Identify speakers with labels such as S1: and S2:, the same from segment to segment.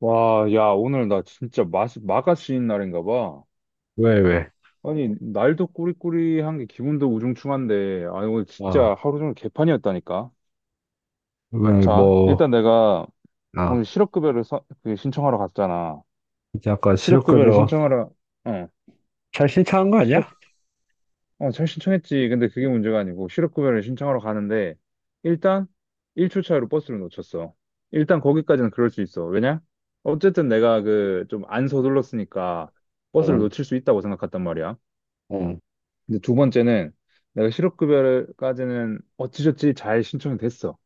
S1: 와, 야, 오늘 나 진짜 마가씨인 날인가 봐.
S2: 왜, 왜?
S1: 아니, 날도 꾸리꾸리한 게 기분도 우중충한데, 아니, 오늘 진짜
S2: 아,
S1: 하루 종일 개판이었다니까.
S2: 왜,
S1: 자,
S2: 뭐,
S1: 일단 내가
S2: 아,
S1: 오늘 실업급여를 그 신청하러 갔잖아.
S2: 이제 아까
S1: 실업급여를
S2: 실업급여
S1: 신청하러, 어,
S2: 잘 신청한 거 아니야?
S1: 실업, 잘 신청했지. 근데 그게 문제가 아니고, 실업급여를 신청하러 가는데, 일단 1초 차이로 버스를 놓쳤어. 일단 거기까지는 그럴 수 있어. 왜냐? 어쨌든 내가 그 좀 안 서둘렀으니까 버스를
S2: 응,
S1: 놓칠 수 있다고 생각했단 말이야.
S2: 응,
S1: 근데 두 번째는 내가 실업급여까지는 어찌저찌 잘 신청이 됐어.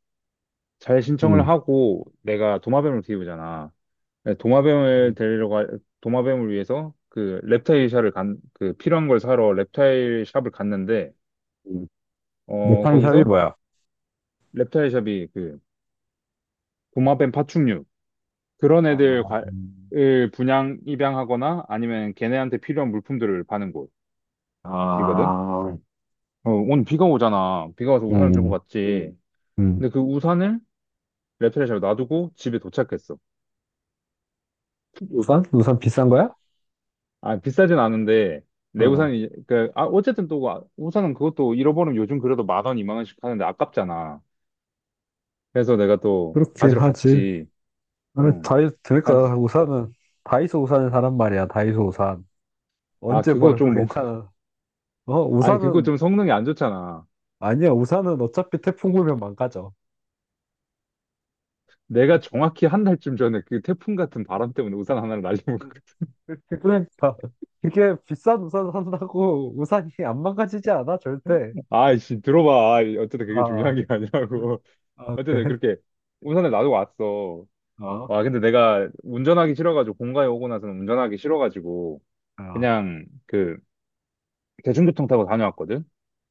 S1: 잘 신청을
S2: 응.
S1: 하고 내가 도마뱀을 키우잖아.
S2: 응,
S1: 도마뱀을 데리러 가, 도마뱀을 위해서 그 reptile 샵을 그 필요한 걸 사러 reptile 샵을 갔는데,
S2: 응. 못한 사람이
S1: 거기서
S2: 뭐야?
S1: reptile 샵이 그 도마뱀 파충류, 그런
S2: 아,
S1: 애들
S2: 음.
S1: 을 분양, 입양하거나 아니면 걔네한테 필요한 물품들을 파는 곳이거든.
S2: 아,
S1: 어, 오늘 비가 오잖아. 비가 와서 우산을 들고
S2: 응,
S1: 갔지.
S2: 응.
S1: 근데 그 우산을 레프레샵에 놔두고 집에 도착했어.
S2: 우산? 우산 비싼 거야?
S1: 아, 비싸진 않은데, 내
S2: 응,
S1: 우산이, 그, 아, 어쨌든 또, 아, 우산은 그것도 잃어버리면 요즘 그래도 만 원, 이만 원씩 하는데 아깝잖아. 그래서 내가 또
S2: 그렇긴
S1: 가지러
S2: 하지.
S1: 갔지.
S2: 아니,
S1: 응.
S2: 다이,
S1: 가-
S2: 그러니까 우산은, 다이소 우산을 사란 말이야, 다이소 우산.
S1: 아,
S2: 언제
S1: 그거
S2: 버려도
S1: 좀 뭔가,
S2: 괜찮아. 어,
S1: 아니, 그거
S2: 우산은,
S1: 좀 성능이 안 좋잖아.
S2: 아니야, 우산은 어차피 태풍 불면 망가져.
S1: 내가 정확히 한 달쯤 전에 그 태풍 같은 바람 때문에 우산 하나를 날리고,
S2: 그러니까 그게 비싼 우산 산다고 우산이 안 망가지지 않아 절대.
S1: 아이씨, 들어봐. 아이, 어쨌든 그게
S2: 아,
S1: 중요한 게 아니라고.
S2: 아
S1: 어쨌든
S2: 그래?
S1: 그렇게 우산을 놔두고 왔어.
S2: 어,
S1: 와, 근데 내가 운전하기 싫어가지고, 본가에 오고 나서는 운전하기 싫어가지고,
S2: 아,
S1: 그냥 그 대중교통 타고 다녀왔거든.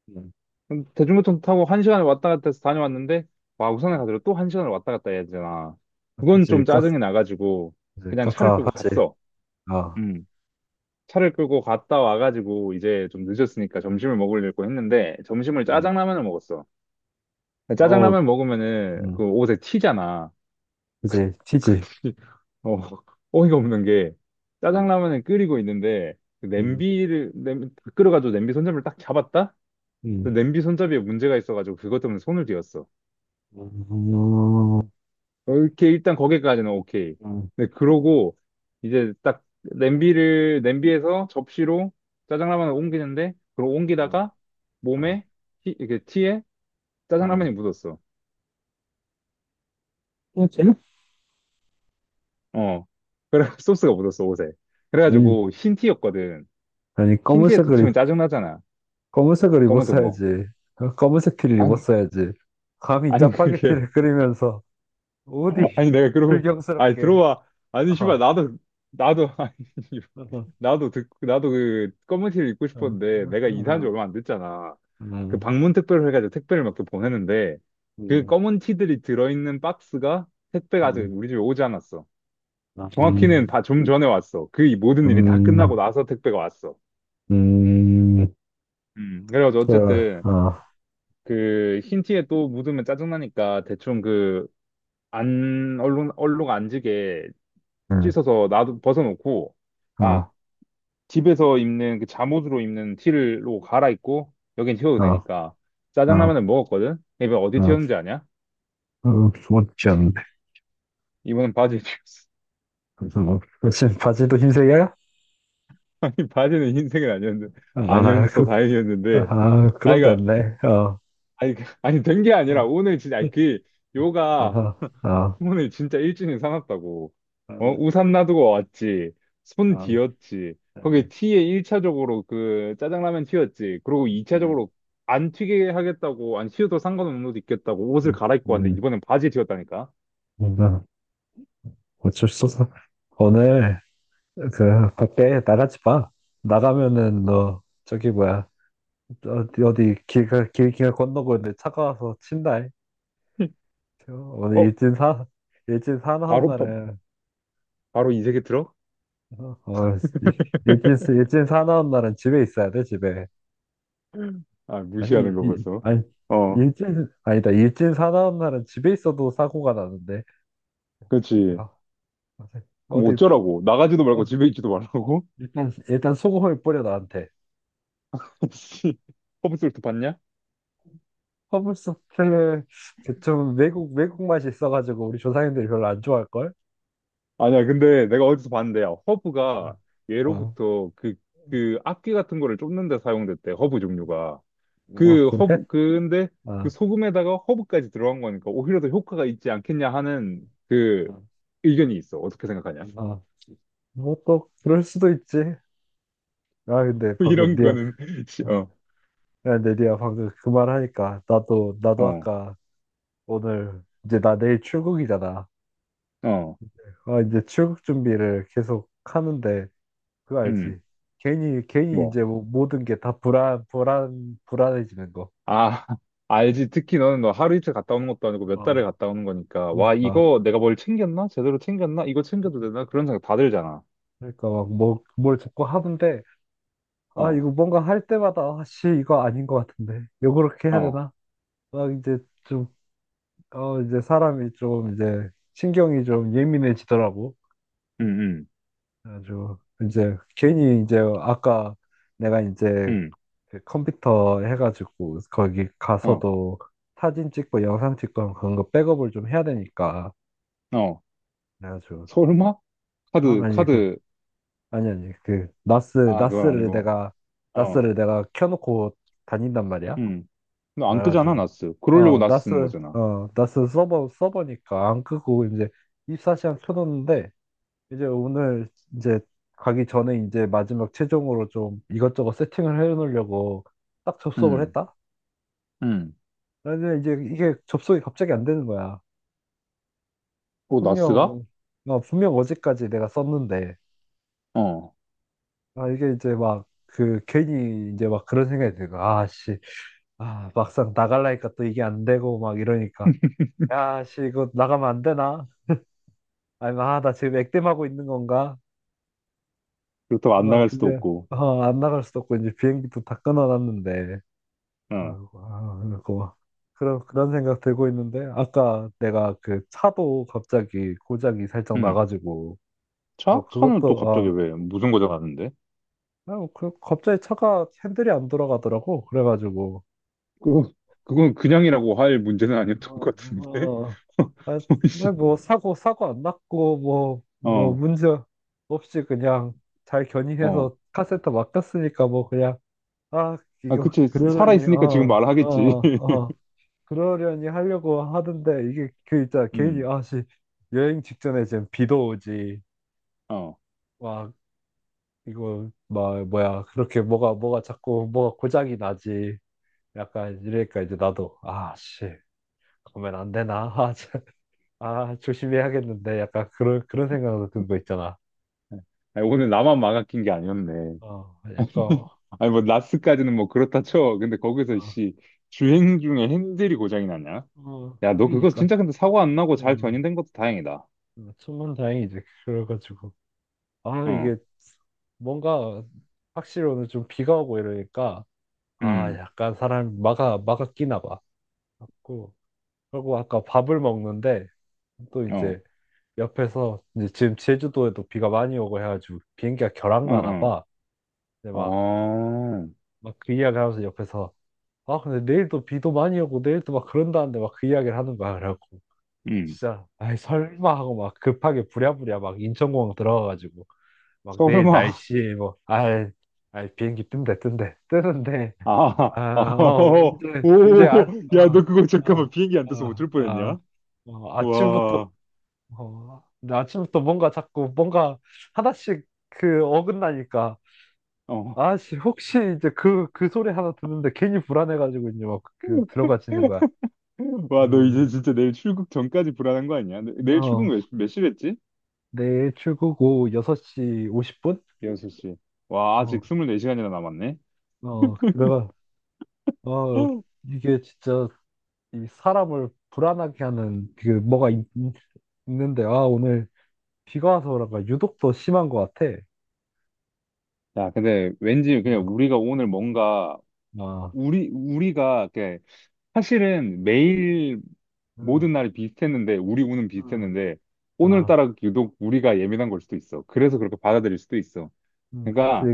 S2: 음,
S1: 대중교통 타고 한 시간을 왔다 갔다 해서 다녀왔는데 와 우산을
S2: 아,
S1: 가지고 또 한 시간을 왔다 갔다 해야 되잖아.
S2: 아,
S1: 그건
S2: 그치,
S1: 좀
S2: 까,
S1: 짜증이 나가지고
S2: 그치,
S1: 그냥 차를 끌고
S2: 까까하지.
S1: 갔어.
S2: 아,
S1: 음. 차를 끌고 갔다 와가지고 이제 좀 늦었으니까 점심을 먹으려고 했는데 점심을
S2: 음,
S1: 짜장라면을 먹었어.
S2: 어,
S1: 짜장라면 먹으면은
S2: 음,
S1: 그 옷에 튀잖아.
S2: 그치,
S1: 근데
S2: 튀지.
S1: 어, 어이가 없는 게
S2: 음,
S1: 짜장라면을 끓이고 있는데 그
S2: 음,
S1: 냄비를 냄 끓여가지고 냄비 손잡이를 딱 잡았다?
S2: 음,
S1: 근데 냄비 손잡이에 문제가 있어가지고 그것 때문에 손을 뒤었어.
S2: 음,
S1: 이렇게 일단 거기까지는 오케이.
S2: 음,
S1: 근데 그러고 이제 딱 냄비를 냄비에서 접시로 짜장라면을 옮기는데 그걸
S2: 음,
S1: 옮기다가
S2: 아,
S1: 몸에 이렇게 티에
S2: 아.
S1: 짜장라면이 묻었어.
S2: 뭐지?
S1: 어, 그래 소스가 묻었어 옷에.
S2: 음,
S1: 그래가지고 흰 티였거든.
S2: 아니
S1: 흰 티에
S2: 검은색을 입-
S1: 도치면 짜증나잖아.
S2: 검은색을
S1: 검은색 뭐.
S2: 입었어야지. 어, 검은색 티를
S1: 아니
S2: 입었어야지. 감히
S1: 아니 그게
S2: 짜파게티를 끓이면서. 어디
S1: 아니 내가 그러고 아니
S2: 불경스럽게.
S1: 들어와 아니 씨발
S2: 어.
S1: 나도 아니
S2: 어, 어,
S1: 나도 그 검은 티를 입고
S2: 어,
S1: 싶었는데 내가 이사한 지 얼마 안 됐잖아. 그
S2: 음,
S1: 방문 택배로 해가지고 택배를 막 이렇게 보내는데 그
S2: 음,
S1: 검은 티들이 들어있는 박스가 택배가 아직
S2: 음,
S1: 우리 집에 오지 않았어.
S2: 아,
S1: 정확히는 다 좀 전에 왔어. 그이 모든 일이 다 끝나고
S2: 음,
S1: 나서 택배가 왔어.
S2: 음,
S1: 그래가지고
S2: 저,
S1: 어쨌든
S2: 어,
S1: 그 흰 티에 또 묻으면 짜증나니까 대충 그 안, 얼룩, 얼룩 안 지게
S2: 음,
S1: 씻어서 나도 벗어놓고
S2: 어,
S1: 아, 집에서 입는 그 잠옷으로 입는 티를로 갈아입고 여긴 튀어도
S2: 어, 어,
S1: 되니까
S2: 어,
S1: 짜장라면을 먹었거든. 이번 어디 튀었는지 아냐?
S2: 어, 못지 않네.
S1: 이번엔 바지에 튀었어.
S2: 무슨 무슨 바지도 흰색이야?
S1: 아니 바지는 흰색은 아니었는데
S2: 아,
S1: 아니었어
S2: 그,
S1: 다행이었는데
S2: 아, 그럼
S1: 아이가
S2: 됐네. 어,
S1: 아니 된 게
S2: 어,
S1: 아니라
S2: 어,
S1: 오늘 진짜 아니 그 요가
S2: 어, 어, 어,
S1: 오에 진짜 일진이 사놨다고. 어, 우산 놔두고 왔지. 손
S2: 음,
S1: 뒤었지. 거기 티에 1차적으로 그 짜장라면 튀었지. 그리고
S2: 음,
S1: 2차적으로 안 튀게 하겠다고, 안 튀어도 상관없는 옷 입겠다고 옷을 갈아입고 왔는데
S2: 음,
S1: 이번엔 바지 튀었다니까.
S2: 음, 어쩔 수 없어. 오늘 그 밖에 나가지 마. 나가면은 너 저기 뭐야 어디 어디 길가 길가 건너고 있는데 차가 와서 친다. 이. 저 오늘
S1: 어?
S2: 일진 사 일진 사나운
S1: 바로, 바,
S2: 날은
S1: 바로 이 세계 들어?
S2: 어, 어, 일진 사나운 날은 집에 있어야 돼 집에.
S1: 아, 무시하는 거 벌써.
S2: 아니
S1: 어,
S2: 일진 아니다 일진 사나운 날은 집에 있어도 사고가 나는데.
S1: 그렇지.
S2: 야,
S1: 그럼
S2: 어디
S1: 어쩌라고? 나가지도 말고
S2: 어,
S1: 집에 있지도 말라고?
S2: 일단 소금을 뿌려 나한테.
S1: 씨, 허브솔트 봤냐?
S2: 허블소스는 좀 외국 맛이 있어가지고 우리 조상님들이 별로 안 좋아할걸?
S1: 아니야, 근데 내가 어디서 봤는데, 야, 허브가
S2: 어, 어
S1: 예로부터 그, 그 악기 같은 거를 쫓는 데 사용됐대, 허브 종류가.
S2: 어,
S1: 그 허브,
S2: 그래?
S1: 그, 근데 그
S2: 어,
S1: 소금에다가 허브까지 들어간 거니까 오히려 더 효과가 있지 않겠냐 하는 그 의견이 있어. 어떻게 생각하냐?
S2: 어. 뭐또 그럴 수도 있지. 아 근데 방금
S1: 이런
S2: 미야
S1: 거는, 씨, 어,
S2: 야 근데 리야 방금 그 말 하니까 나도
S1: 어,
S2: 아까 오늘 이제 나 내일 출국이잖아.
S1: 어,
S2: 아 이제 출국 준비를 계속 하는데 그거
S1: 음,
S2: 알지? 괜히 괜히
S1: 뭐.
S2: 이제 뭐 모든 게 다 불안 불안 불안해지는 거.
S1: 아, 알지. 특히 너는 너 하루 이틀 갔다 오는 것도 아니고 몇
S2: 어.
S1: 달을 갔다 오는 거니까. 와,
S2: 그러니까.
S1: 이거 내가 뭘 챙겼나? 제대로 챙겼나? 이거 챙겨도 되나? 그런 생각 다 들잖아.
S2: 그러니까 막 뭐, 뭘 자꾸 하는데 아
S1: 어,
S2: 이거 뭔가 할 때마다 아씨 이거 아닌 것 같은데 요 그렇게 해야
S1: 어.
S2: 되나? 막 이제 좀 어 이제 사람이 좀 이제 신경이 좀 예민해지더라고.
S1: 음, 음.
S2: 아주 이제 괜히 이제 아까 내가 이제
S1: 응,
S2: 그 컴퓨터 해가지고 거기
S1: 어,
S2: 가서도 사진 찍고 영상 찍고 하면 그런 거 백업을 좀 해야 되니까
S1: 어.
S2: 그래가지고
S1: 설마?
S2: 아
S1: 카드,
S2: 아니 그
S1: 카드.
S2: 아니 아니 그 나스
S1: 아, 그건 아니고. 어,
S2: 나스를 내가 켜놓고 다닌단 말이야.
S1: 응. 너 안 끄잖아,
S2: 그래가지고
S1: 나스. 그러려고
S2: 어
S1: 나스
S2: 나스
S1: 쓰는 거잖아.
S2: 어 나스 서버 서버니까 안 끄고 이제 2사시간 켜놓는데 이제 오늘 이제 가기 전에 이제 마지막 최종으로 좀 이것저것 세팅을 해놓으려고 딱 접속을
S1: 응,
S2: 했다.
S1: 응.
S2: 근데 이제 이게 접속이 갑자기 안 되는 거야.
S1: 어, 나스가?
S2: 분명 어, 분명 어제까지 내가 썼는데
S1: 어.
S2: 아 이게 이제 막 그 괜히 이제 막 그런 생각이 들고 아씨 아 막상 나갈라니까 또 이게 안 되고 막 이러니까 야씨 이거 나가면 안 되나? 아니, 아, 나 지금 액땜하고 있는 건가?
S1: 그렇다고 안
S2: 막,
S1: 나갈 수도
S2: 근데,
S1: 없고.
S2: 어, 안 나갈 수도 없고, 이제 비행기도 다 끊어놨는데.
S1: 어,
S2: 아이고, 아, 그리고, 그런 생각 들고 있는데, 아까 내가 그 차도 갑자기 고장이 살짝
S1: 응.
S2: 나가지고, 아,
S1: 차? 차는 또
S2: 그것도,
S1: 갑자기
S2: 아,
S1: 왜 무슨 거죠 가는데?
S2: 아, 뭐 그, 갑자기 차가 핸들이 안 돌아가더라고. 그래가지고,
S1: 그거, 그건 그냥이라고 할 문제는 아니었던
S2: 어,
S1: 것 같은데?
S2: 어, 아, 정말
S1: 혹시
S2: 뭐, 사고 안 났고, 뭐, 뭐,
S1: 어,
S2: 문제 없이 그냥 잘
S1: 어.
S2: 견인해서 카센터 맡겼으니까 뭐, 그냥, 아,
S1: 아,
S2: 이거
S1: 그치.
S2: 그러려니
S1: 살아있으니까 지금
S2: 어, 어,
S1: 말하겠지.
S2: 어. 그러려니 하려고 하던데 이게 그 있잖아. 괜히
S1: 음,
S2: 아씨 여행 직전에 지금 비도 오지.
S1: 어.
S2: 와, 이거 막 뭐야. 그렇게 뭐가 뭐가 자꾸 뭐가 고장이 나지. 약간 이러니까 이제 나도 아씨 그러면 안 되나? 아, 참. 아, 조심해야겠는데 약간 그런 생각도 든 거 있잖아.
S1: 아니, 오늘 나만 망아낀 게 아니었네.
S2: 어, 약간 어,
S1: 아니 뭐 라스까지는 뭐 그렇다 쳐. 근데 거기서 씨 주행 중에 핸들이 고장이 났냐?
S2: 어,
S1: 야, 너 그거
S2: 그러니까.
S1: 진짜 근데 사고 안 나고 잘
S2: 어,
S1: 견인된 것도 다행이다.
S2: 천만 다행이지. 그래가지고. 아,
S1: 어,
S2: 이게 뭔가 확실히 오늘 좀 비가 오고 이러니까 아,
S1: 음,
S2: 약간 사람 마가 끼나 봐. 갖고 그리고 아까 밥을 먹는데 또
S1: 어,
S2: 이제 옆에서 이제 지금 제주도에도 비가 많이 오고 해가지고 비행기가 결항나나
S1: 어,
S2: 봐. 근데
S1: 어,
S2: 막
S1: 어,
S2: 막 그 이야기 하면서 옆에서 아 근데 내일도 비도 많이 오고 내일도 막 그런다는데 막 그 이야기를 하는 거야. 그래갖고
S1: 음.
S2: 진짜 아이 설마 하고 막 급하게 부랴부랴 막 인천공항 들어가가지고 막
S1: 어,
S2: 내일
S1: 설마,
S2: 날씨 뭐, 아, 아 비행기 뜬대 뜨는데
S1: 아,
S2: 아, 어,
S1: 어,
S2: 이제
S1: 오,
S2: 아, 어
S1: 야, 너 그거
S2: 아,
S1: 잠깐만 비행기 안 떠서
S2: 아,
S1: 어쩔
S2: 아,
S1: 뻔했냐?
S2: 어, 아침부터
S1: 와,
S2: 어, 근데 아침부터 뭔가 자꾸 뭔가 하나씩 그 어긋나니까
S1: 어,
S2: 아씨 혹시 이제 그 소리 하나 듣는데 괜히 불안해가지고 이제 막그 들어가지는 거야.
S1: 와, 너 이제
S2: 음,
S1: 진짜 내일 출국 전까지 불안한 거 아니야? 내일 출국
S2: 어,
S1: 몇, 시- 몇 시랬지?
S2: 내일 출국 오후 6시 50분?
S1: 여섯 시 와,
S2: 어,
S1: 아직 24시간이나 남았네.
S2: 어, 그래가 어 이게 진짜 이 사람을 불안하게 하는 그 뭐가 있, 는데아 오늘 비가 와서 그런가 유독 더 심한 것 같아.
S1: 야, 근데 왠지
S2: 음,
S1: 그냥 우리가 오늘 뭔가
S2: 아,
S1: 우리가 이렇게 사실은 매일
S2: 음,
S1: 모든 날이 비슷했는데 우리 운은
S2: 음,
S1: 비슷했는데
S2: 아,
S1: 오늘따라 유독 우리가 예민한 걸 수도 있어. 그래서 그렇게 받아들일 수도 있어.
S2: 그치,
S1: 그러니까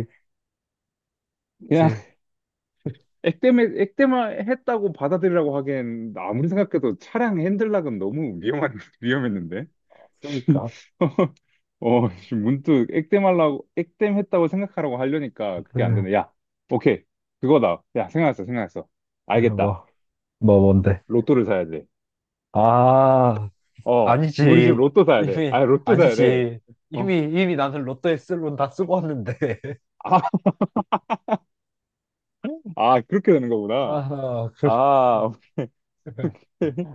S1: 그냥
S2: 그치.
S1: 액땜에 액땜을 했다고 받아들이라고 하기엔 아무리 생각해도 차량 핸들락은 너무 위험한 위험했는데.
S2: 그러니까.
S1: 어, 지금 문득 액땜하려고, 액땜했다고 생각하라고 하려니까 그게 안
S2: 음,
S1: 되네. 야, 오케이. 그거다. 야, 생각났어, 생각났어. 알겠다.
S2: 뭐, 뭐 뭔데?
S1: 로또를 사야 돼.
S2: 아,
S1: 어, 우리 집
S2: 아니지.
S1: 로또 사야 돼.
S2: 이미
S1: 아, 로또 사야 돼.
S2: 아니지.
S1: 어,
S2: 이미 나는 로또에 쓸 돈 다 쓰고 왔는데.
S1: 아, 아, 그렇게 되는 거구나.
S2: 아, 그.
S1: 아, 오케이.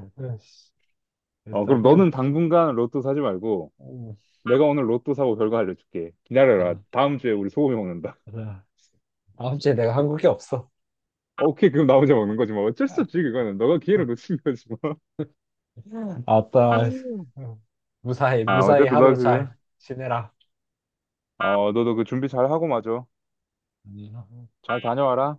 S1: 어, 그럼
S2: 일단은
S1: 너는 당분간 로또 사지 말고,
S2: 음,
S1: 내가 오늘 로또 사고 결과 알려줄게. 기다려라.
S2: 아,
S1: 다음 주에 우리 소고기 먹는다.
S2: 아, 다음 주에 내가 한국에 없어.
S1: 오케이, 그럼 나 혼자 먹는 거지 뭐. 어쩔 수 없지, 그거는. 너가 기회를 놓친 거지 뭐.
S2: 아따
S1: 아,
S2: 무사히
S1: 어쨌든 너
S2: 하루
S1: 그,
S2: 잘 지내라.
S1: 어, 너도 그 준비 잘 하고 마저.
S2: 아니요.
S1: 잘 다녀와라.